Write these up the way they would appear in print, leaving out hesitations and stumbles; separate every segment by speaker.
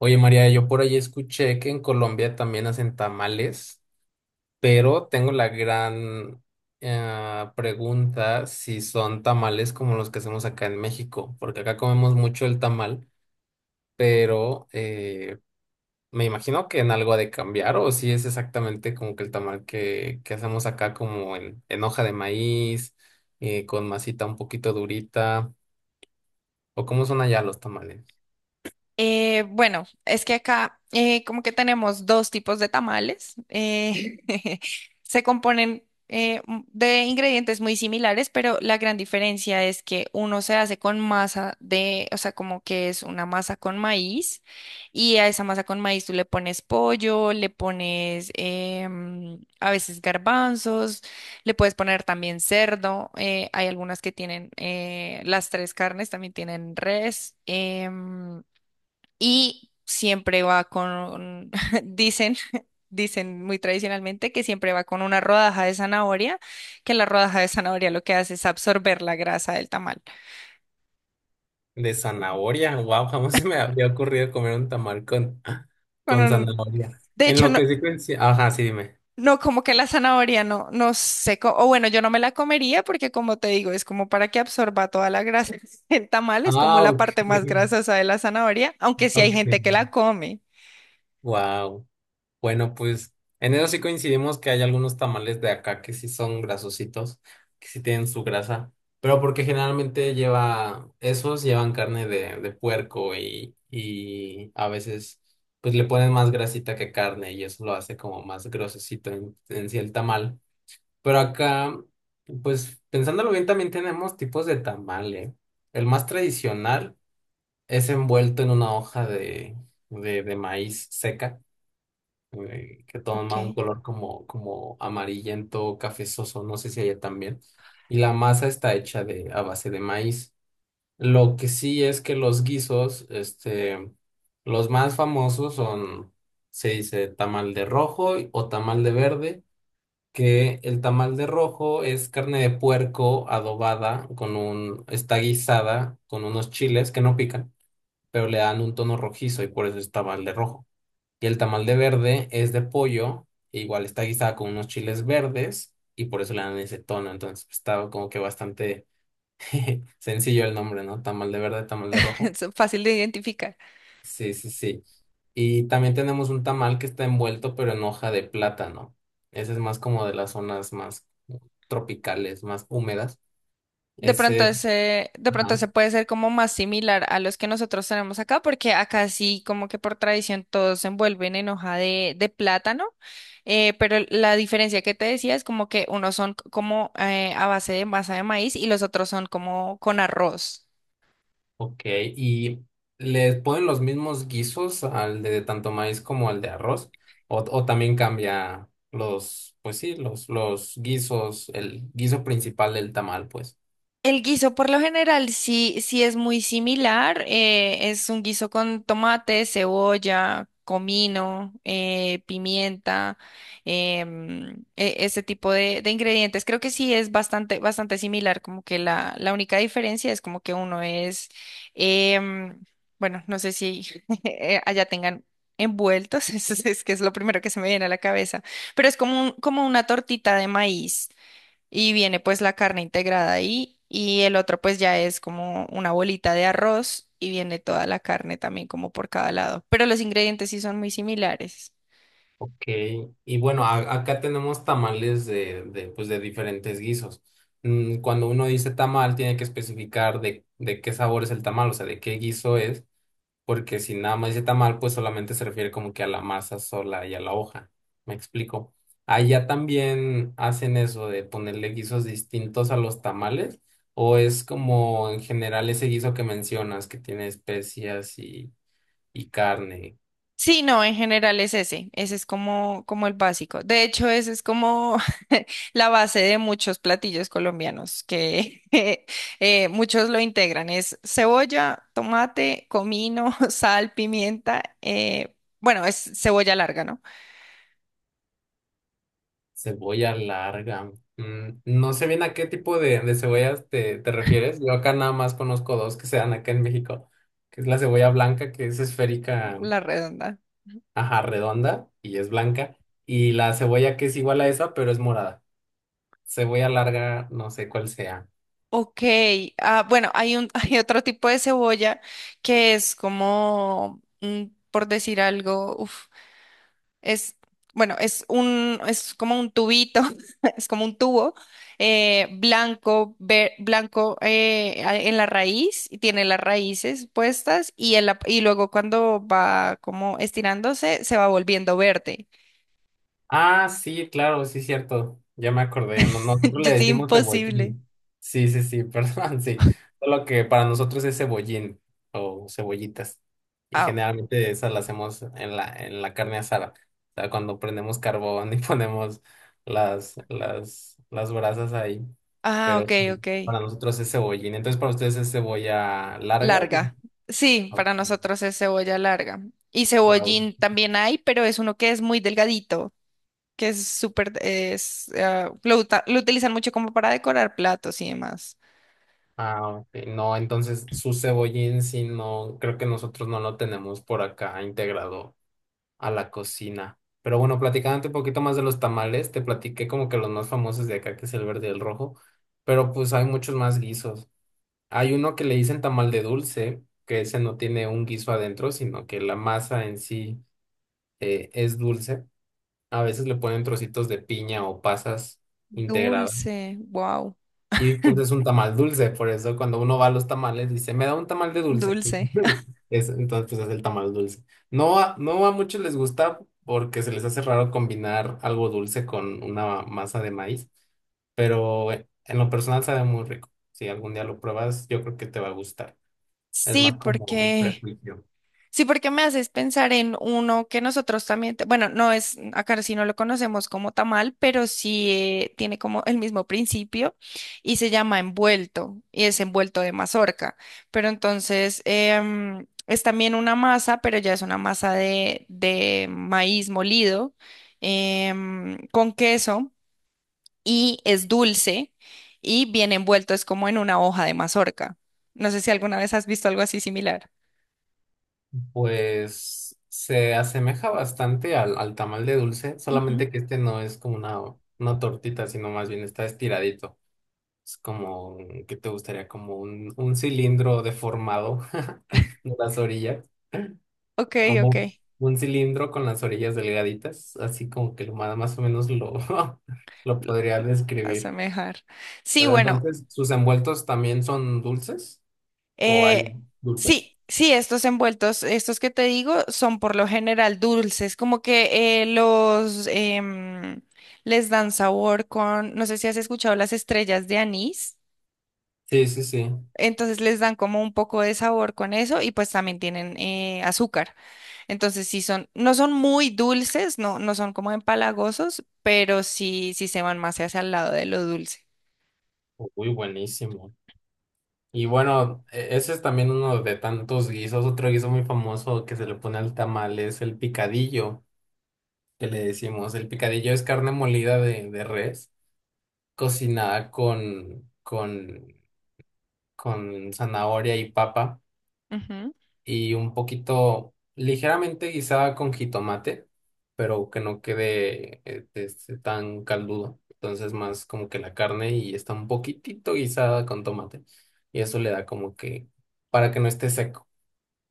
Speaker 1: Oye, María, yo por ahí escuché que en Colombia también hacen tamales, pero tengo la gran pregunta si son tamales como los que hacemos acá en México, porque acá comemos mucho el tamal, pero me imagino que en algo ha de cambiar, o si es exactamente como que el tamal que hacemos acá como en hoja de maíz, con masita un poquito durita, o cómo son allá los tamales.
Speaker 2: Bueno, es que acá como que tenemos dos tipos de tamales. Se componen de ingredientes muy similares, pero la gran diferencia es que uno se hace con masa de, o sea, como que es una masa con maíz y a esa masa con maíz tú le pones pollo, le pones a veces garbanzos, le puedes poner también cerdo. Eh, hay algunas que tienen las tres carnes, también tienen res. Y siempre va con, dicen, dicen muy tradicionalmente que siempre va con una rodaja de zanahoria, que la rodaja de zanahoria lo que hace es absorber la grasa del tamal.
Speaker 1: De zanahoria, wow, jamás se me había ocurrido comer un tamal con,
Speaker 2: Con
Speaker 1: con
Speaker 2: un-
Speaker 1: zanahoria.
Speaker 2: de
Speaker 1: En
Speaker 2: hecho,
Speaker 1: lo
Speaker 2: no,
Speaker 1: que sí ajá, sí, dime.
Speaker 2: no, como que la zanahoria no, no sé, o bueno, yo no me la comería porque como te digo, es como para que absorba toda la grasa el tamal, es como
Speaker 1: Ah,
Speaker 2: la
Speaker 1: ok,
Speaker 2: parte más grasosa de la zanahoria, aunque sí hay
Speaker 1: ok,
Speaker 2: gente que la come.
Speaker 1: wow. Bueno, pues en eso sí coincidimos que hay algunos tamales de acá que sí son grasositos, que sí tienen su grasa, pero porque generalmente lleva, esos llevan carne de puerco y a veces pues le ponen más grasita que carne y eso lo hace como más grosecito en sí el tamal. Pero acá, pues pensándolo bien, también tenemos tipos de tamale. El más tradicional es envuelto en una hoja de maíz seca, que
Speaker 2: Ok.
Speaker 1: toma un color como, como amarillento, cafezoso, no sé si allá también. Y la masa está hecha de, a base de maíz. Lo que sí es que los guisos, este, los más famosos son, se dice tamal de rojo o tamal de verde que el tamal de rojo es carne de puerco adobada con un, está guisada con unos chiles que no pican, pero le dan un tono rojizo y por eso es tamal de rojo. Y el tamal de verde es de pollo, e igual está guisada con unos chiles verdes y por eso le dan ese tono. Entonces estaba como que bastante sencillo el nombre, ¿no? Tamal de verde, tamal de rojo.
Speaker 2: Es fácil de identificar.
Speaker 1: Sí, sí, sí. Y también tenemos un tamal que está envuelto, pero en hoja de plátano. Ese es más como de las zonas más tropicales, más húmedas. Ese,
Speaker 2: De pronto ese
Speaker 1: ajá,
Speaker 2: puede ser como más similar a los que nosotros tenemos acá, porque acá sí como que por tradición todos se envuelven en hoja de plátano, pero la diferencia que te decía es como que unos son como a base de masa de maíz y los otros son como con arroz.
Speaker 1: ok. ¿Y le ponen los mismos guisos al de tanto maíz como al de arroz? O también cambia pues sí, los guisos, el guiso principal del tamal, pues?
Speaker 2: El guiso por lo general sí, sí es muy similar. Eh, es un guiso con tomate, cebolla, comino, pimienta, ese tipo de ingredientes. Creo que sí es bastante, bastante similar. Como que la única diferencia es como que uno es, em, bueno, no sé si allá tengan envueltos, eso es que es lo primero que se me viene a la cabeza, pero es como como una tortita de maíz y viene pues la carne integrada ahí y el otro pues ya es como una bolita de arroz y viene toda la carne también como por cada lado, pero los ingredientes sí son muy similares.
Speaker 1: Ok, y bueno, acá tenemos tamales pues de diferentes guisos. Mm, cuando uno dice tamal, tiene que especificar de qué sabor es el tamal, o sea, de qué guiso es, porque si nada más dice tamal, pues solamente se refiere como que a la masa sola y a la hoja. ¿Me explico? Allá también hacen eso de ponerle guisos distintos a los tamales, o es como en general ese guiso que mencionas, que tiene especias y carne.
Speaker 2: Sí, no, en general es ese, ese es como, como el básico. De hecho, ese es como la base de muchos platillos colombianos que muchos lo integran. Es cebolla, tomate, comino, sal, pimienta. Eh, bueno, es cebolla larga, ¿no?
Speaker 1: Cebolla larga. Mm, no sé bien a qué tipo de cebollas te refieres. Yo acá nada más conozco dos que se dan acá en México, que es la cebolla blanca, que es esférica,
Speaker 2: La redonda.
Speaker 1: ajá, redonda y es blanca, y la cebolla que es igual a esa, pero es morada. Cebolla larga, no sé cuál sea.
Speaker 2: Ok, ah, bueno, hay un, hay otro tipo de cebolla que es como, mm, por decir algo, uf, es, bueno, es un, es como un tubito, es como un tubo blanco, blanco en la raíz, y tiene las raíces puestas y, y luego cuando va como estirándose, se va volviendo verde.
Speaker 1: Ah, sí, claro, sí, cierto. Ya me acordé. Nosotros le
Speaker 2: Yo soy
Speaker 1: decimos
Speaker 2: imposible.
Speaker 1: cebollín. Sí, sí, sí, perdón, sí. Solo que para nosotros es cebollín o cebollitas. Y
Speaker 2: Ah,
Speaker 1: generalmente esas las hacemos en la carne asada. O sea, cuando prendemos carbón y ponemos las brasas ahí.
Speaker 2: ah,
Speaker 1: Pero
Speaker 2: ok,
Speaker 1: sí,
Speaker 2: ok.
Speaker 1: para nosotros es cebollín. Entonces, para ustedes es cebolla larga. Dije.
Speaker 2: Larga. Sí, para nosotros es cebolla larga. Y
Speaker 1: Wow.
Speaker 2: cebollín también hay, pero es uno que es muy delgadito, que es súper, es, ah, lo, lo utilizan mucho como para decorar platos y demás.
Speaker 1: Ah, ok. No, entonces su cebollín sí no, creo que nosotros no lo tenemos por acá integrado a la cocina. Pero bueno, platicándote un poquito más de los tamales, te platiqué como que los más famosos de acá, que es el verde y el rojo, pero pues hay muchos más guisos. Hay uno que le dicen tamal de dulce, que ese no tiene un guiso adentro, sino que la masa en sí es dulce. A veces le ponen trocitos de piña o pasas integradas.
Speaker 2: Dulce, wow,
Speaker 1: Y pues es un tamal dulce, por eso cuando uno va a los tamales dice, me da un tamal de dulce.
Speaker 2: dulce.
Speaker 1: Entonces pues es el tamal dulce. No a muchos les gusta porque se les hace raro combinar algo dulce con una masa de maíz, pero en lo personal sabe muy rico. Si algún día lo pruebas, yo creo que te va a gustar. Es
Speaker 2: Sí,
Speaker 1: más como el
Speaker 2: porque
Speaker 1: prejuicio.
Speaker 2: sí, porque me haces pensar en uno que nosotros también, bueno, no es, acá sí no lo conocemos como tamal, pero sí tiene como el mismo principio y se llama envuelto y es envuelto de mazorca. Pero entonces es también una masa, pero ya es una masa de maíz molido con queso y es dulce y bien envuelto, es como en una hoja de mazorca. No sé si alguna vez has visto algo así similar.
Speaker 1: Pues se asemeja bastante al tamal de dulce,
Speaker 2: Ujú.
Speaker 1: solamente que este no es como una tortita, sino más bien está estiradito. Es como, ¿qué te gustaría? Como un cilindro deformado de las orillas,
Speaker 2: Ok, ok.
Speaker 1: como un cilindro con las orillas delgaditas, así como que lo más, más o menos lo, lo podría describir.
Speaker 2: Asemejar. Sí,
Speaker 1: Pero
Speaker 2: bueno,
Speaker 1: entonces, ¿sus envueltos también son dulces? ¿O hay
Speaker 2: eh,
Speaker 1: dulces?
Speaker 2: sí, sí, estos envueltos, estos que te digo, son por lo general dulces, como que los les dan sabor con, no sé si has escuchado las estrellas de anís,
Speaker 1: Sí, sí, sí.
Speaker 2: entonces les dan como un poco de sabor con eso y pues también tienen azúcar. Entonces sí son, no son muy dulces, no, no son como empalagosos, pero sí, sí se van más hacia el lado de lo dulce.
Speaker 1: Uy, buenísimo. Y bueno, ese es también uno de tantos guisos. Otro guiso muy famoso que se le pone al tamal es el picadillo. Que le decimos. El picadillo es carne molida de res, cocinada con zanahoria y papa y un poquito ligeramente guisada con jitomate, pero que no quede tan caldudo. Entonces más como que la carne y está un poquitito guisada con tomate. Y eso le da como que para que no esté seco.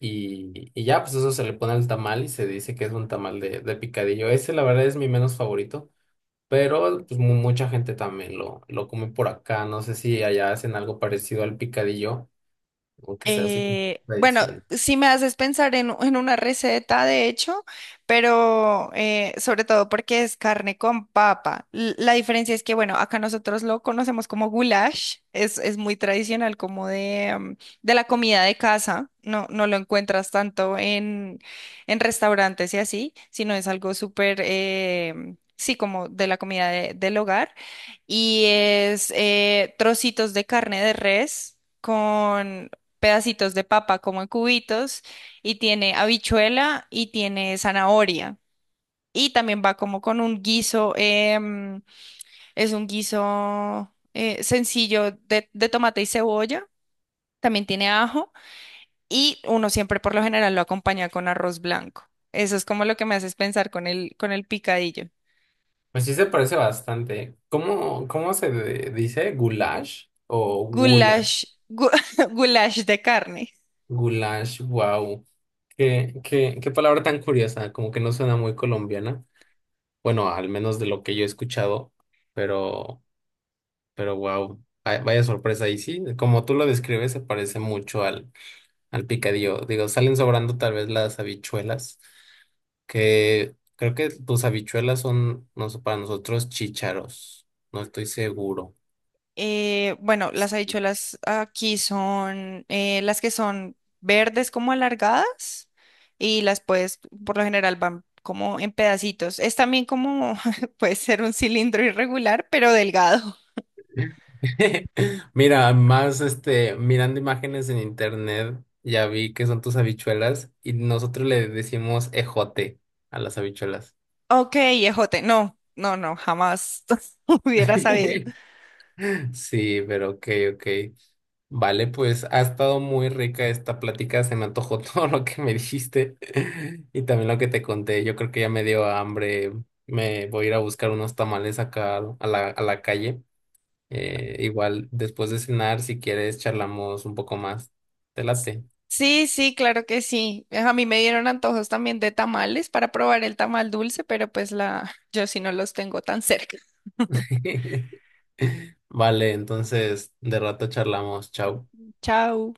Speaker 1: Y ya, pues eso se le pone al tamal y se dice que es un tamal de picadillo. Ese, la verdad, es mi menos favorito. Pero pues mucha gente también lo come por acá. No sé si allá hacen algo parecido al picadillo o que sea así como
Speaker 2: Bueno,
Speaker 1: tradición.
Speaker 2: sí me haces pensar en una receta, de hecho, pero sobre todo porque es carne con papa. La diferencia es que, bueno, acá nosotros lo conocemos como goulash, es muy tradicional como de, mm, de la comida de casa, no, no lo encuentras tanto en restaurantes y así, sino es algo súper, mm, sí, como de la comida del hogar y es trocitos de carne de res, con pedacitos de papa como en cubitos y tiene habichuela y tiene zanahoria. Y también va como con un guiso, es un guiso sencillo de tomate y cebolla, también tiene ajo y uno siempre por lo general lo acompaña con arroz blanco. Eso es como lo que me haces pensar con el picadillo.
Speaker 1: Pues sí se parece bastante. ¿Cómo se dice? ¿Goulash o gula?
Speaker 2: Goulash, gu- goulash de carne.
Speaker 1: Goulash, wow. Qué palabra tan curiosa. Como que no suena muy colombiana. Bueno, al menos de lo que yo he escuchado. pero Pero wow, vaya sorpresa. Y sí, como tú lo describes, se parece mucho al picadillo. Digo, salen sobrando tal vez las habichuelas, que creo que tus habichuelas son, no sé, para nosotros chícharos. No estoy seguro.
Speaker 2: Bueno, las habichuelas aquí son las que son verdes como alargadas y las puedes, por lo general van como en pedacitos. Es también como, puede ser un cilindro irregular, pero delgado.
Speaker 1: Mira, más este, mirando imágenes en internet, ya vi que son tus habichuelas y nosotros le decimos ejote a las habichuelas.
Speaker 2: Ok, ejote, no, no, no, jamás hubiera sabido.
Speaker 1: Sí, pero ok, ok. Vale, pues ha estado muy rica esta plática, se me antojó todo lo que me dijiste y también lo que te conté. Yo creo que ya me dio hambre, me voy a ir a buscar unos tamales acá a a la calle. Igual después de cenar, si quieres, charlamos un poco más. Te late.
Speaker 2: Sí, sí, claro que sí. A mí me dieron antojos también de tamales para probar el tamal dulce, pero pues la, yo sí no los tengo tan cerca.
Speaker 1: Vale, entonces de rato charlamos. Chao.
Speaker 2: Chao.